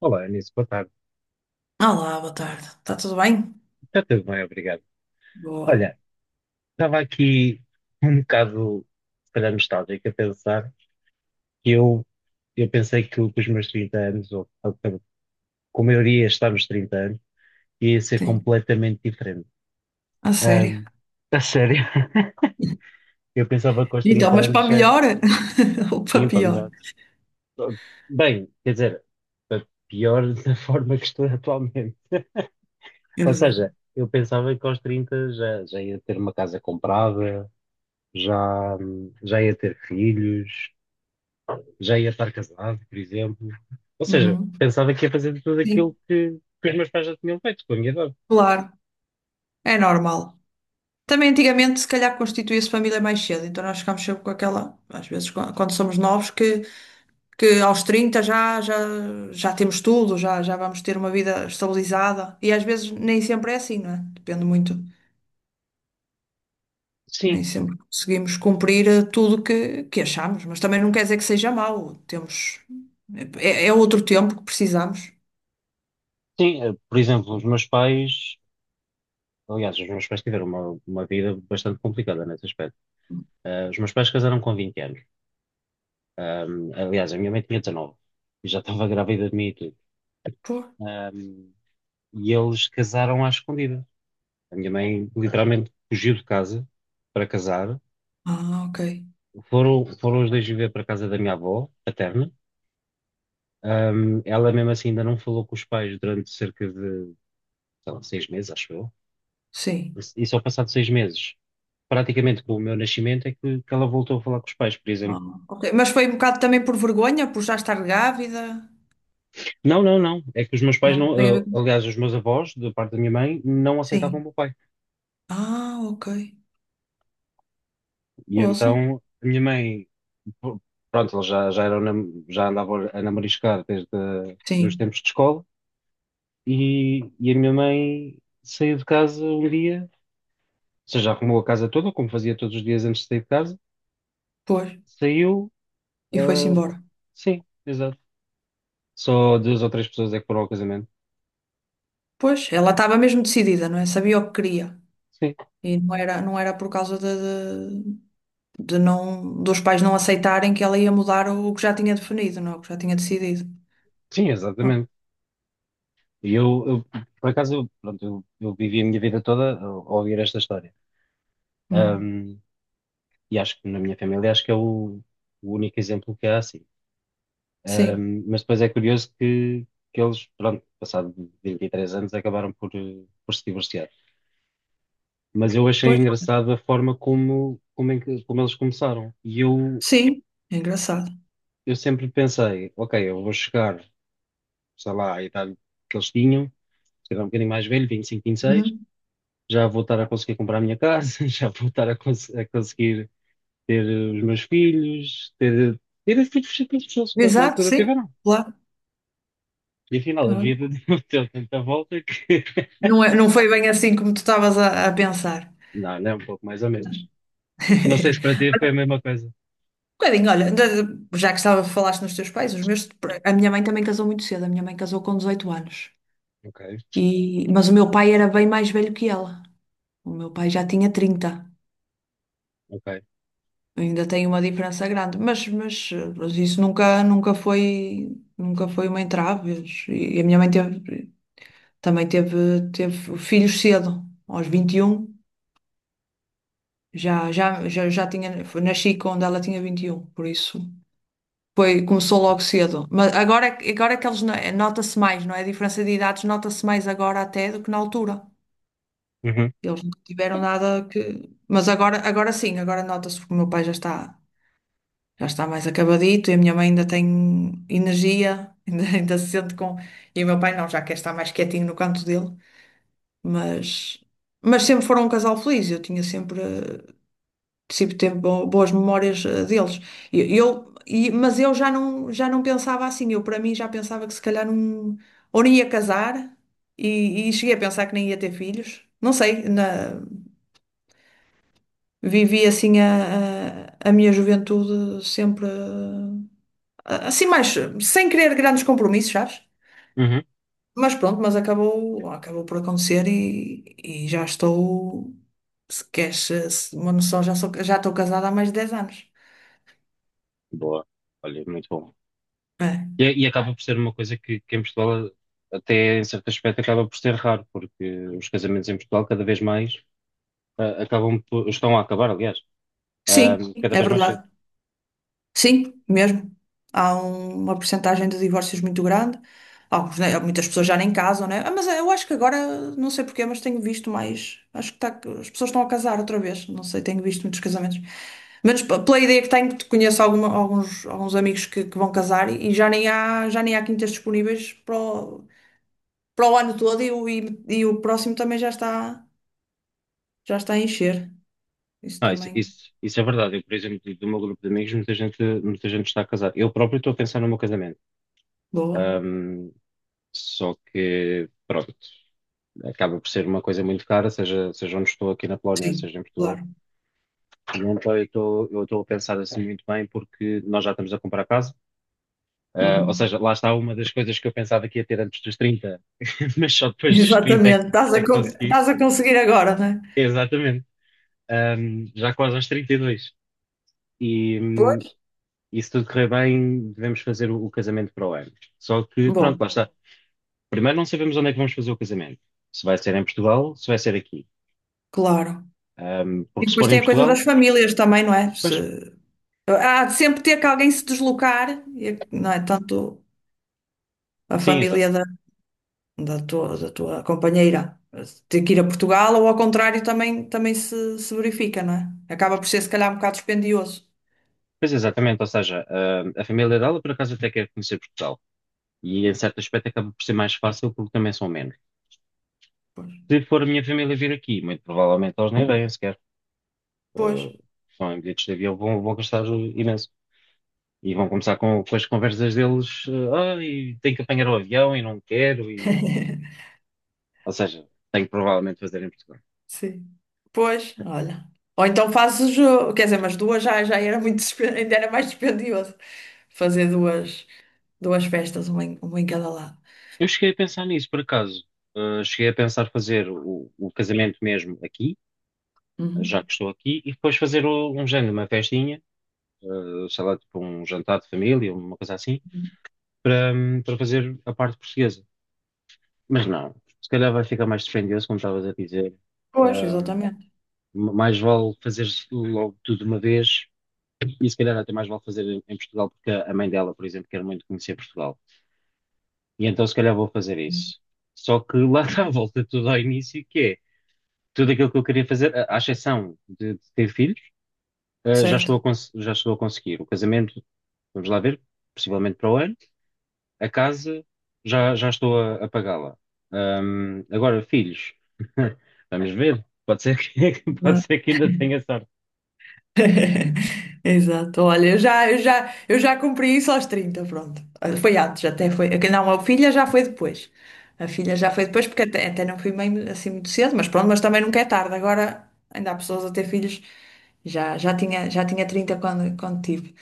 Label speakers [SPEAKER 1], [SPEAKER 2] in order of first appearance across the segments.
[SPEAKER 1] Olá, Anísio, boa tarde.
[SPEAKER 2] Olá, boa tarde. Está tudo bem?
[SPEAKER 1] Está tudo bem, obrigado.
[SPEAKER 2] Boa.
[SPEAKER 1] Olha, estava aqui um bocado, se calhar, nostálgico a pensar que eu pensei que com os meus 30 anos, ou como eu iria estar nos 30 anos, ia ser
[SPEAKER 2] Sim.
[SPEAKER 1] completamente diferente.
[SPEAKER 2] A sério.
[SPEAKER 1] Ahm, a sério, eu pensava que aos
[SPEAKER 2] Então,
[SPEAKER 1] 30
[SPEAKER 2] mas
[SPEAKER 1] anos,
[SPEAKER 2] para
[SPEAKER 1] já,
[SPEAKER 2] melhor ou para
[SPEAKER 1] sim, para
[SPEAKER 2] pior?
[SPEAKER 1] melhor. Bem, quer dizer, para pior da forma que estou atualmente. Ou
[SPEAKER 2] Exato.
[SPEAKER 1] seja, eu pensava que aos 30 já, já ia ter uma casa comprada, já, já ia ter filhos, já ia estar casado, por exemplo. Ou seja,
[SPEAKER 2] Uhum.
[SPEAKER 1] pensava que ia fazer tudo aquilo
[SPEAKER 2] Sim,
[SPEAKER 1] que os meus pais já tinham feito com a minha idade.
[SPEAKER 2] claro. É normal. Também antigamente, se calhar, constituía-se família mais cedo, então nós ficámos sempre com aquela, às vezes, quando somos novos, que aos 30 já temos tudo, já vamos ter uma vida estabilizada. E às vezes nem sempre é assim, não é? Depende muito.
[SPEAKER 1] Sim,
[SPEAKER 2] Nem sempre conseguimos cumprir tudo que achamos, mas também não quer dizer que seja mau. Temos, é outro tempo que precisamos.
[SPEAKER 1] sim, por exemplo, os meus pais, aliás, os meus pais tiveram uma vida bastante complicada nesse aspecto. Os meus pais casaram com 20 anos. Aliás, a minha mãe tinha 19 e já estava grávida de mim e tudo.
[SPEAKER 2] Pô.
[SPEAKER 1] Ahm, e eles casaram à escondida. A minha mãe literalmente fugiu de casa para casar.
[SPEAKER 2] Ah, ok.
[SPEAKER 1] Foram, foram os dois viver para a casa da minha avó, paterna. Ela mesmo assim ainda não falou com os pais durante cerca de, sei lá, 6 meses, acho eu.
[SPEAKER 2] Sim.
[SPEAKER 1] E só passado 6 meses, praticamente com o meu nascimento, é que ela voltou a falar com os pais, por
[SPEAKER 2] Ah,
[SPEAKER 1] exemplo.
[SPEAKER 2] ok. Mas foi um bocado também por vergonha, por já estar grávida.
[SPEAKER 1] Não, não, não. É que os meus pais
[SPEAKER 2] Não tem a
[SPEAKER 1] não,
[SPEAKER 2] ver
[SPEAKER 1] ah,
[SPEAKER 2] com isso.
[SPEAKER 1] aliás, os meus avós, da parte da minha mãe, não aceitavam o
[SPEAKER 2] Sim.
[SPEAKER 1] meu pai.
[SPEAKER 2] Ah, ok.
[SPEAKER 1] E
[SPEAKER 2] Ouço.
[SPEAKER 1] então a minha mãe, pr- pronto, ela já, já, eram, já andavam a namoriscar desde os
[SPEAKER 2] Sim.
[SPEAKER 1] tempos de escola. E a minha mãe saiu de casa um dia. Ou seja, arrumou a casa toda, como fazia todos os dias antes de sair de casa,
[SPEAKER 2] Pois.
[SPEAKER 1] saiu.
[SPEAKER 2] E foi-se
[SPEAKER 1] ah,
[SPEAKER 2] embora.
[SPEAKER 1] sim, exato. Só duas ou três pessoas é que foram ao casamento.
[SPEAKER 2] Pois, ela estava mesmo decidida, não é? Sabia o que queria.
[SPEAKER 1] Sim,
[SPEAKER 2] E não era por causa de, de- de não, dos pais não aceitarem que ela ia mudar o, que já tinha definido, não, é? O que já tinha decidido.
[SPEAKER 1] sim,
[SPEAKER 2] Bom,
[SPEAKER 1] exatamente. E eu, eu, por acaso, eu, pronto, eu vivi a minha vida toda a ouvir esta história.
[SPEAKER 2] hum,
[SPEAKER 1] Ahm, e acho que na minha família, acho que é o único exemplo que há assim.
[SPEAKER 2] sim,
[SPEAKER 1] Mas depois é curioso que eles, pronto, passado 23 anos, acabaram por, por se divorciar. Mas eu achei
[SPEAKER 2] pois,
[SPEAKER 1] engraçada a forma como, como, é que- como eles começaram.
[SPEAKER 2] sim, é engraçado.
[SPEAKER 1] Eu sempre pensei, ok, eu vou chegar, sei lá, à idade que eles tinham, se calhar um bocadinho mais velho, vinte vinte e cinco, vinte e seis,
[SPEAKER 2] Uhum.
[SPEAKER 1] já vou estar a conseguir comprar a minha casa, já vou estar a, a conseguir ter os meus filhos, ter, ter os filhos que eles na
[SPEAKER 2] Exato,
[SPEAKER 1] altura
[SPEAKER 2] sim,
[SPEAKER 1] tiveram.
[SPEAKER 2] claro.
[SPEAKER 1] E afinal, a
[SPEAKER 2] Olha,
[SPEAKER 1] vida deu tanta volta que...
[SPEAKER 2] não é, não foi bem assim como tu estavas a pensar.
[SPEAKER 1] Não, não é um pouco mais ou menos. Não sei se para ti foi a mesma coisa.
[SPEAKER 2] Um bocadinho, olha, já que estava, falaste nos teus pais, os meus, a minha mãe também casou muito cedo, a minha mãe casou com 18 anos.
[SPEAKER 1] Ok,
[SPEAKER 2] E, mas o meu pai era bem mais velho que ela. O meu pai já tinha 30.
[SPEAKER 1] ok.
[SPEAKER 2] Ainda tem uma diferença grande, mas isso nunca foi, nunca foi uma entrave. E a minha mãe teve, também teve, teve filhos cedo, aos 21 já tinha, nasci quando ela tinha 21, por isso foi, começou logo cedo. Mas agora, agora é que eles, nota-se mais, não é? A diferença de idades nota-se mais agora até do que na altura.
[SPEAKER 1] Uhum,
[SPEAKER 2] Eles não tiveram nada que. Mas agora, agora sim, agora nota-se porque o meu pai já está. Já está mais acabadito e a minha mãe ainda tem energia, ainda se sente com. E o meu pai não, já quer estar mais quietinho no canto dele, mas, mas sempre foram um casal feliz, eu tinha sempre, sempre teve boas memórias deles. E eu, e, mas eu já não pensava assim, eu para mim já pensava que se calhar não, ou nem ia casar e cheguei a pensar que nem ia ter filhos. Não sei, na, vivi assim a minha juventude sempre assim mais, sem querer grandes compromissos, sabes?
[SPEAKER 1] uhum.
[SPEAKER 2] Mas pronto, mas acabou, acabou por acontecer e já estou, se queres uma noção, já sou, já estou casada há mais de 10 anos.
[SPEAKER 1] Boa. Olha, muito bom. E,
[SPEAKER 2] É.
[SPEAKER 1] e acaba por ser uma coisa que em Portugal, até em certo aspecto, acaba por ser raro, porque os casamentos em Portugal cada vez mais acabam por, estão a acabar, aliás,
[SPEAKER 2] Sim,
[SPEAKER 1] cada
[SPEAKER 2] é
[SPEAKER 1] vez mais
[SPEAKER 2] verdade.
[SPEAKER 1] cedo.
[SPEAKER 2] Sim, mesmo. Há uma porcentagem de divórcios muito grande. Alguns, né, muitas pessoas já nem casam, né? Ah, mas eu acho que agora, não sei porquê, mas tenho visto mais. Acho que as pessoas estão a casar outra vez. Não sei, tenho visto muitos casamentos. Menos pela ideia que tenho, que conheço alguns amigos que vão casar e já nem há quintas disponíveis para o, para o ano todo e o, e o próximo também já está a encher. Isso
[SPEAKER 1] Ah, isso,
[SPEAKER 2] também.
[SPEAKER 1] isso, isso é verdade. Eu, por exemplo, do meu grupo de amigos, muita gente está a casar. Eu próprio estou a pensar no meu casamento.
[SPEAKER 2] Boa.
[SPEAKER 1] Ahm, Só que, pronto, acaba por ser uma coisa muito cara, seja, seja onde estou aqui na Polónia,
[SPEAKER 2] Sim,
[SPEAKER 1] seja em Portugal.
[SPEAKER 2] claro.
[SPEAKER 1] E então eu estou a pensar assim muito bem, porque nós já estamos a comprar casa. Ou
[SPEAKER 2] Uhum.
[SPEAKER 1] seja, lá está uma das coisas que eu pensava que ia ter antes dos 30 mas só depois dos 30 é
[SPEAKER 2] Exatamente, estás
[SPEAKER 1] é que consegui.
[SPEAKER 2] estás a conseguir agora, não é?
[SPEAKER 1] Exatamente. Um, já quase aos 32. E, dois. E
[SPEAKER 2] Pois.
[SPEAKER 1] e se tudo correr bem, devemos fazer o casamento para o ano. Só que,
[SPEAKER 2] Bom,
[SPEAKER 1] pronto, lá está. Primeiro, não sabemos onde é que vamos fazer o casamento. Se vai ser em Portugal, se vai ser aqui.
[SPEAKER 2] claro.
[SPEAKER 1] Um,
[SPEAKER 2] E
[SPEAKER 1] porque se
[SPEAKER 2] depois
[SPEAKER 1] for em
[SPEAKER 2] tem a coisa
[SPEAKER 1] Portugal,
[SPEAKER 2] das famílias também, não é?
[SPEAKER 1] pois,
[SPEAKER 2] Há de sempre ter que alguém se deslocar, não é? Tanto a
[SPEAKER 1] sim, exato.
[SPEAKER 2] família da, da tua companheira ter que ir a Portugal ou ao contrário também, também se verifica, não é? Acaba por ser se calhar um bocado dispendioso.
[SPEAKER 1] Pois exatamente, ou seja, um, a família dela por acaso até quer conhecer Portugal. E em certo aspecto acaba por ser mais fácil porque também são menos.
[SPEAKER 2] Pois.
[SPEAKER 1] Se for a minha família vir aqui, muito provavelmente eles nem vêm sequer.
[SPEAKER 2] Pois.
[SPEAKER 1] Uh, São em bilhetes de avião, vão, vão gastar imenso. E vão começar com as conversas deles, e tenho que apanhar o avião e não quero, e... Ou seja, tenho que provavelmente fazer em Portugal.
[SPEAKER 2] Sim. Pois, olha. Ou então fazes o jogo. Quer dizer, mas duas já era muito, ainda era mais dispendioso fazer duas, duas festas, uma em cada lado.
[SPEAKER 1] Eu cheguei a pensar nisso, por acaso. Cheguei a pensar fazer o casamento mesmo aqui, já
[SPEAKER 2] Uhum.
[SPEAKER 1] que estou aqui, e depois fazer um género, uma festinha, sei lá, tipo um jantar de família, uma coisa assim, para, para fazer a parte portuguesa. Mas não, se calhar vai ficar mais dispendioso, como estavas a dizer.
[SPEAKER 2] Pois,
[SPEAKER 1] Ahm,
[SPEAKER 2] exatamente.
[SPEAKER 1] Mais vale fazer logo tudo de uma vez e se calhar até mais vale fazer em Portugal, porque a mãe dela, por exemplo, quer muito conhecer Portugal. E então se calhar vou fazer isso. Só que lá está, volta tudo ao início, que é tudo aquilo que eu queria fazer, à exceção de ter filhos, já estou a,
[SPEAKER 2] Certo.
[SPEAKER 1] já estou a conseguir. O casamento, vamos lá ver, possivelmente para o ano. A casa, já, já estou a pagá-la. Agora, filhos, vamos ver. Pode ser que, pode ser que ainda tenha sorte.
[SPEAKER 2] Exato, olha, eu já cumpri isso aos 30, pronto. Foi antes, até foi. Não, a filha já foi depois. A filha já foi depois, porque até não fui mãe assim muito cedo, mas pronto, mas também nunca é tarde. Agora ainda há pessoas a ter filhos, já tinha 30 quando tive,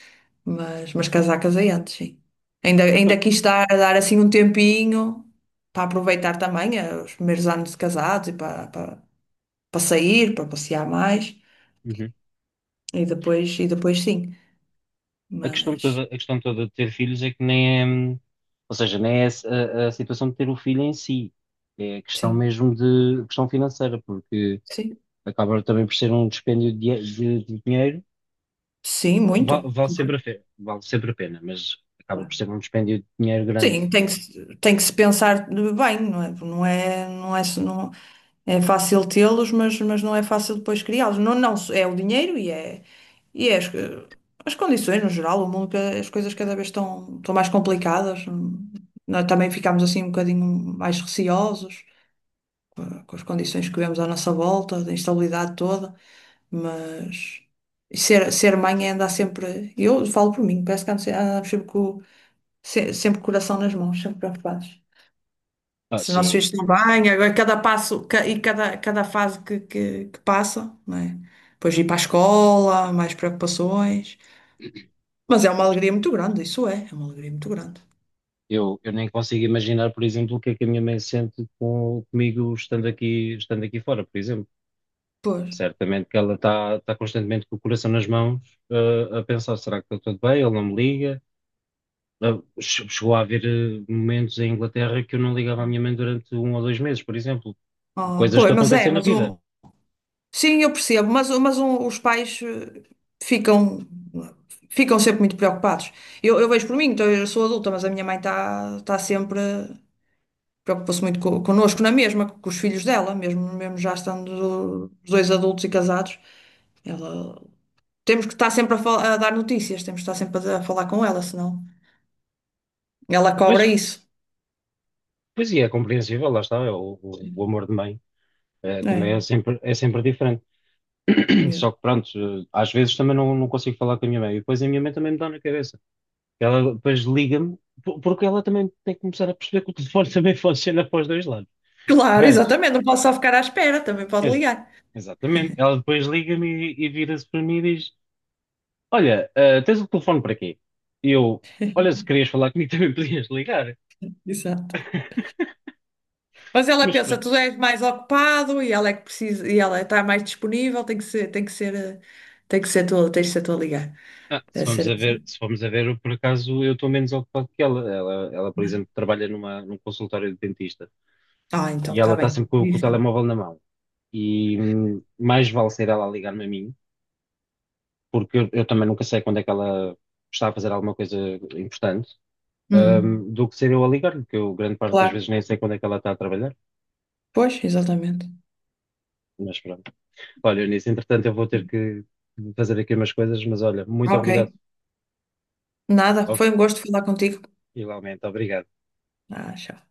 [SPEAKER 2] mas casar, casei antes, sim. Ainda quis estar a dar assim um tempinho para aproveitar também os primeiros anos de casados e para sair, para passear mais,
[SPEAKER 1] Uhum.
[SPEAKER 2] e depois sim. Mas
[SPEAKER 1] A questão toda de ter filhos é que nem é, ou seja, nem é a situação de ter o filho em si, é a questão
[SPEAKER 2] sim,
[SPEAKER 1] mesmo de questão financeira, porque
[SPEAKER 2] sim,
[SPEAKER 1] acaba também por ser um dispêndio de, de dinheiro.
[SPEAKER 2] sim, muito,
[SPEAKER 1] Vale sempre a pena, vale sempre a pena, mas acaba
[SPEAKER 2] claro.
[SPEAKER 1] por ser um dispêndio de dinheiro grande.
[SPEAKER 2] Sim, tem que, tem que se pensar bem, não é? Não é fácil tê-los, mas não é fácil depois criá-los. Não, não, é o dinheiro e é as, as condições no geral, o mundo, as coisas cada vez estão, estão mais complicadas. Nós também ficamos assim um bocadinho mais receosos com, com as condições que vemos à nossa volta, da instabilidade toda. Mas e ser, ser mãe é andar sempre. Eu falo por mim, parece que ando andamos sempre com, sempre com o coração nas mãos, sempre preocupados.
[SPEAKER 1] Ah,
[SPEAKER 2] Se os nossos
[SPEAKER 1] sim,
[SPEAKER 2] filhos estão bem, agora cada passo e cada, cada fase que, que passa, não é? Depois ir para a escola, mais preocupações. Mas é uma alegria muito grande, isso é, é uma alegria muito grande.
[SPEAKER 1] eu nem consigo imaginar, por exemplo, o que é que a minha mãe sente com, comigo estando aqui fora, por exemplo.
[SPEAKER 2] Pois.
[SPEAKER 1] Certamente que ela está constantemente com o coração nas mãos, a pensar, será que está tudo bem? Ele não me liga. Chegou a haver momentos em Inglaterra que eu não ligava à minha mãe durante um ou 2 meses, por exemplo.
[SPEAKER 2] Ah,
[SPEAKER 1] Coisas que
[SPEAKER 2] pois, mas é,
[SPEAKER 1] acontecem na
[SPEAKER 2] mas
[SPEAKER 1] vida.
[SPEAKER 2] o, sim, eu percebo, mas os pais ficam, ficam sempre muito preocupados. Eu vejo por mim, então eu sou adulta, mas a minha mãe está tá sempre, preocupa-se muito connosco na mesma, com os filhos dela, mesmo, mesmo já estando os dois adultos e casados. Ela, temos que estar sempre a, a dar notícias, temos que estar sempre a falar com ela, senão ela cobra
[SPEAKER 1] Mas,
[SPEAKER 2] isso.
[SPEAKER 1] pois e é compreensível, lá está, é o amor de mãe. Também
[SPEAKER 2] É,
[SPEAKER 1] é sempre diferente.
[SPEAKER 2] mesmo.
[SPEAKER 1] Só que pronto, às vezes também não, não consigo falar com a minha mãe. E depois a minha mãe também me dá na cabeça. Ela depois liga-me, porque ela também tem que começar a perceber que o telefone também funciona para os dois lados.
[SPEAKER 2] Claro,
[SPEAKER 1] Mas,
[SPEAKER 2] exatamente, não posso só ficar à espera, também pode
[SPEAKER 1] ex-
[SPEAKER 2] ligar.
[SPEAKER 1] exatamente, ela depois liga-me e vira-se para mim e diz: Olha, ah, tens o telefone para quê? E eu, olha, se querias falar comigo também podias ligar.
[SPEAKER 2] Exato. Mas ela
[SPEAKER 1] Mas
[SPEAKER 2] pensa,
[SPEAKER 1] pronto.
[SPEAKER 2] tu és mais ocupado e ela é que precisa, e ela está mais disponível, tem que ser, tem que ser tua, tens de ser tu a ligar.
[SPEAKER 1] Ah, se
[SPEAKER 2] Deve
[SPEAKER 1] vamos
[SPEAKER 2] ser
[SPEAKER 1] a ver,
[SPEAKER 2] assim.
[SPEAKER 1] se vamos a ver, eu, por acaso eu estou menos ocupado que ela. Por
[SPEAKER 2] Não é?
[SPEAKER 1] exemplo, trabalha numa, num consultório de dentista
[SPEAKER 2] Ah, então
[SPEAKER 1] e
[SPEAKER 2] está
[SPEAKER 1] ela está
[SPEAKER 2] bem.
[SPEAKER 1] sempre com o
[SPEAKER 2] Dizem.
[SPEAKER 1] telemóvel na mão. E mais vale ser ela a ligar-me a mim porque eu também nunca sei quando é que ela está a fazer alguma coisa importante,
[SPEAKER 2] Uhum.
[SPEAKER 1] do que ser eu a ligar-lhe, que eu grande parte das
[SPEAKER 2] Claro.
[SPEAKER 1] vezes nem sei quando é que ela está a trabalhar,
[SPEAKER 2] Pois, exatamente.
[SPEAKER 1] mas pronto. Olha, Eunice, entretanto eu vou ter
[SPEAKER 2] Sim.
[SPEAKER 1] que fazer aqui umas coisas, mas olha, muito obrigado.
[SPEAKER 2] Ok. Nada.
[SPEAKER 1] Oh,
[SPEAKER 2] Foi um gosto falar contigo.
[SPEAKER 1] igualmente, obrigado.
[SPEAKER 2] Ah, tchau.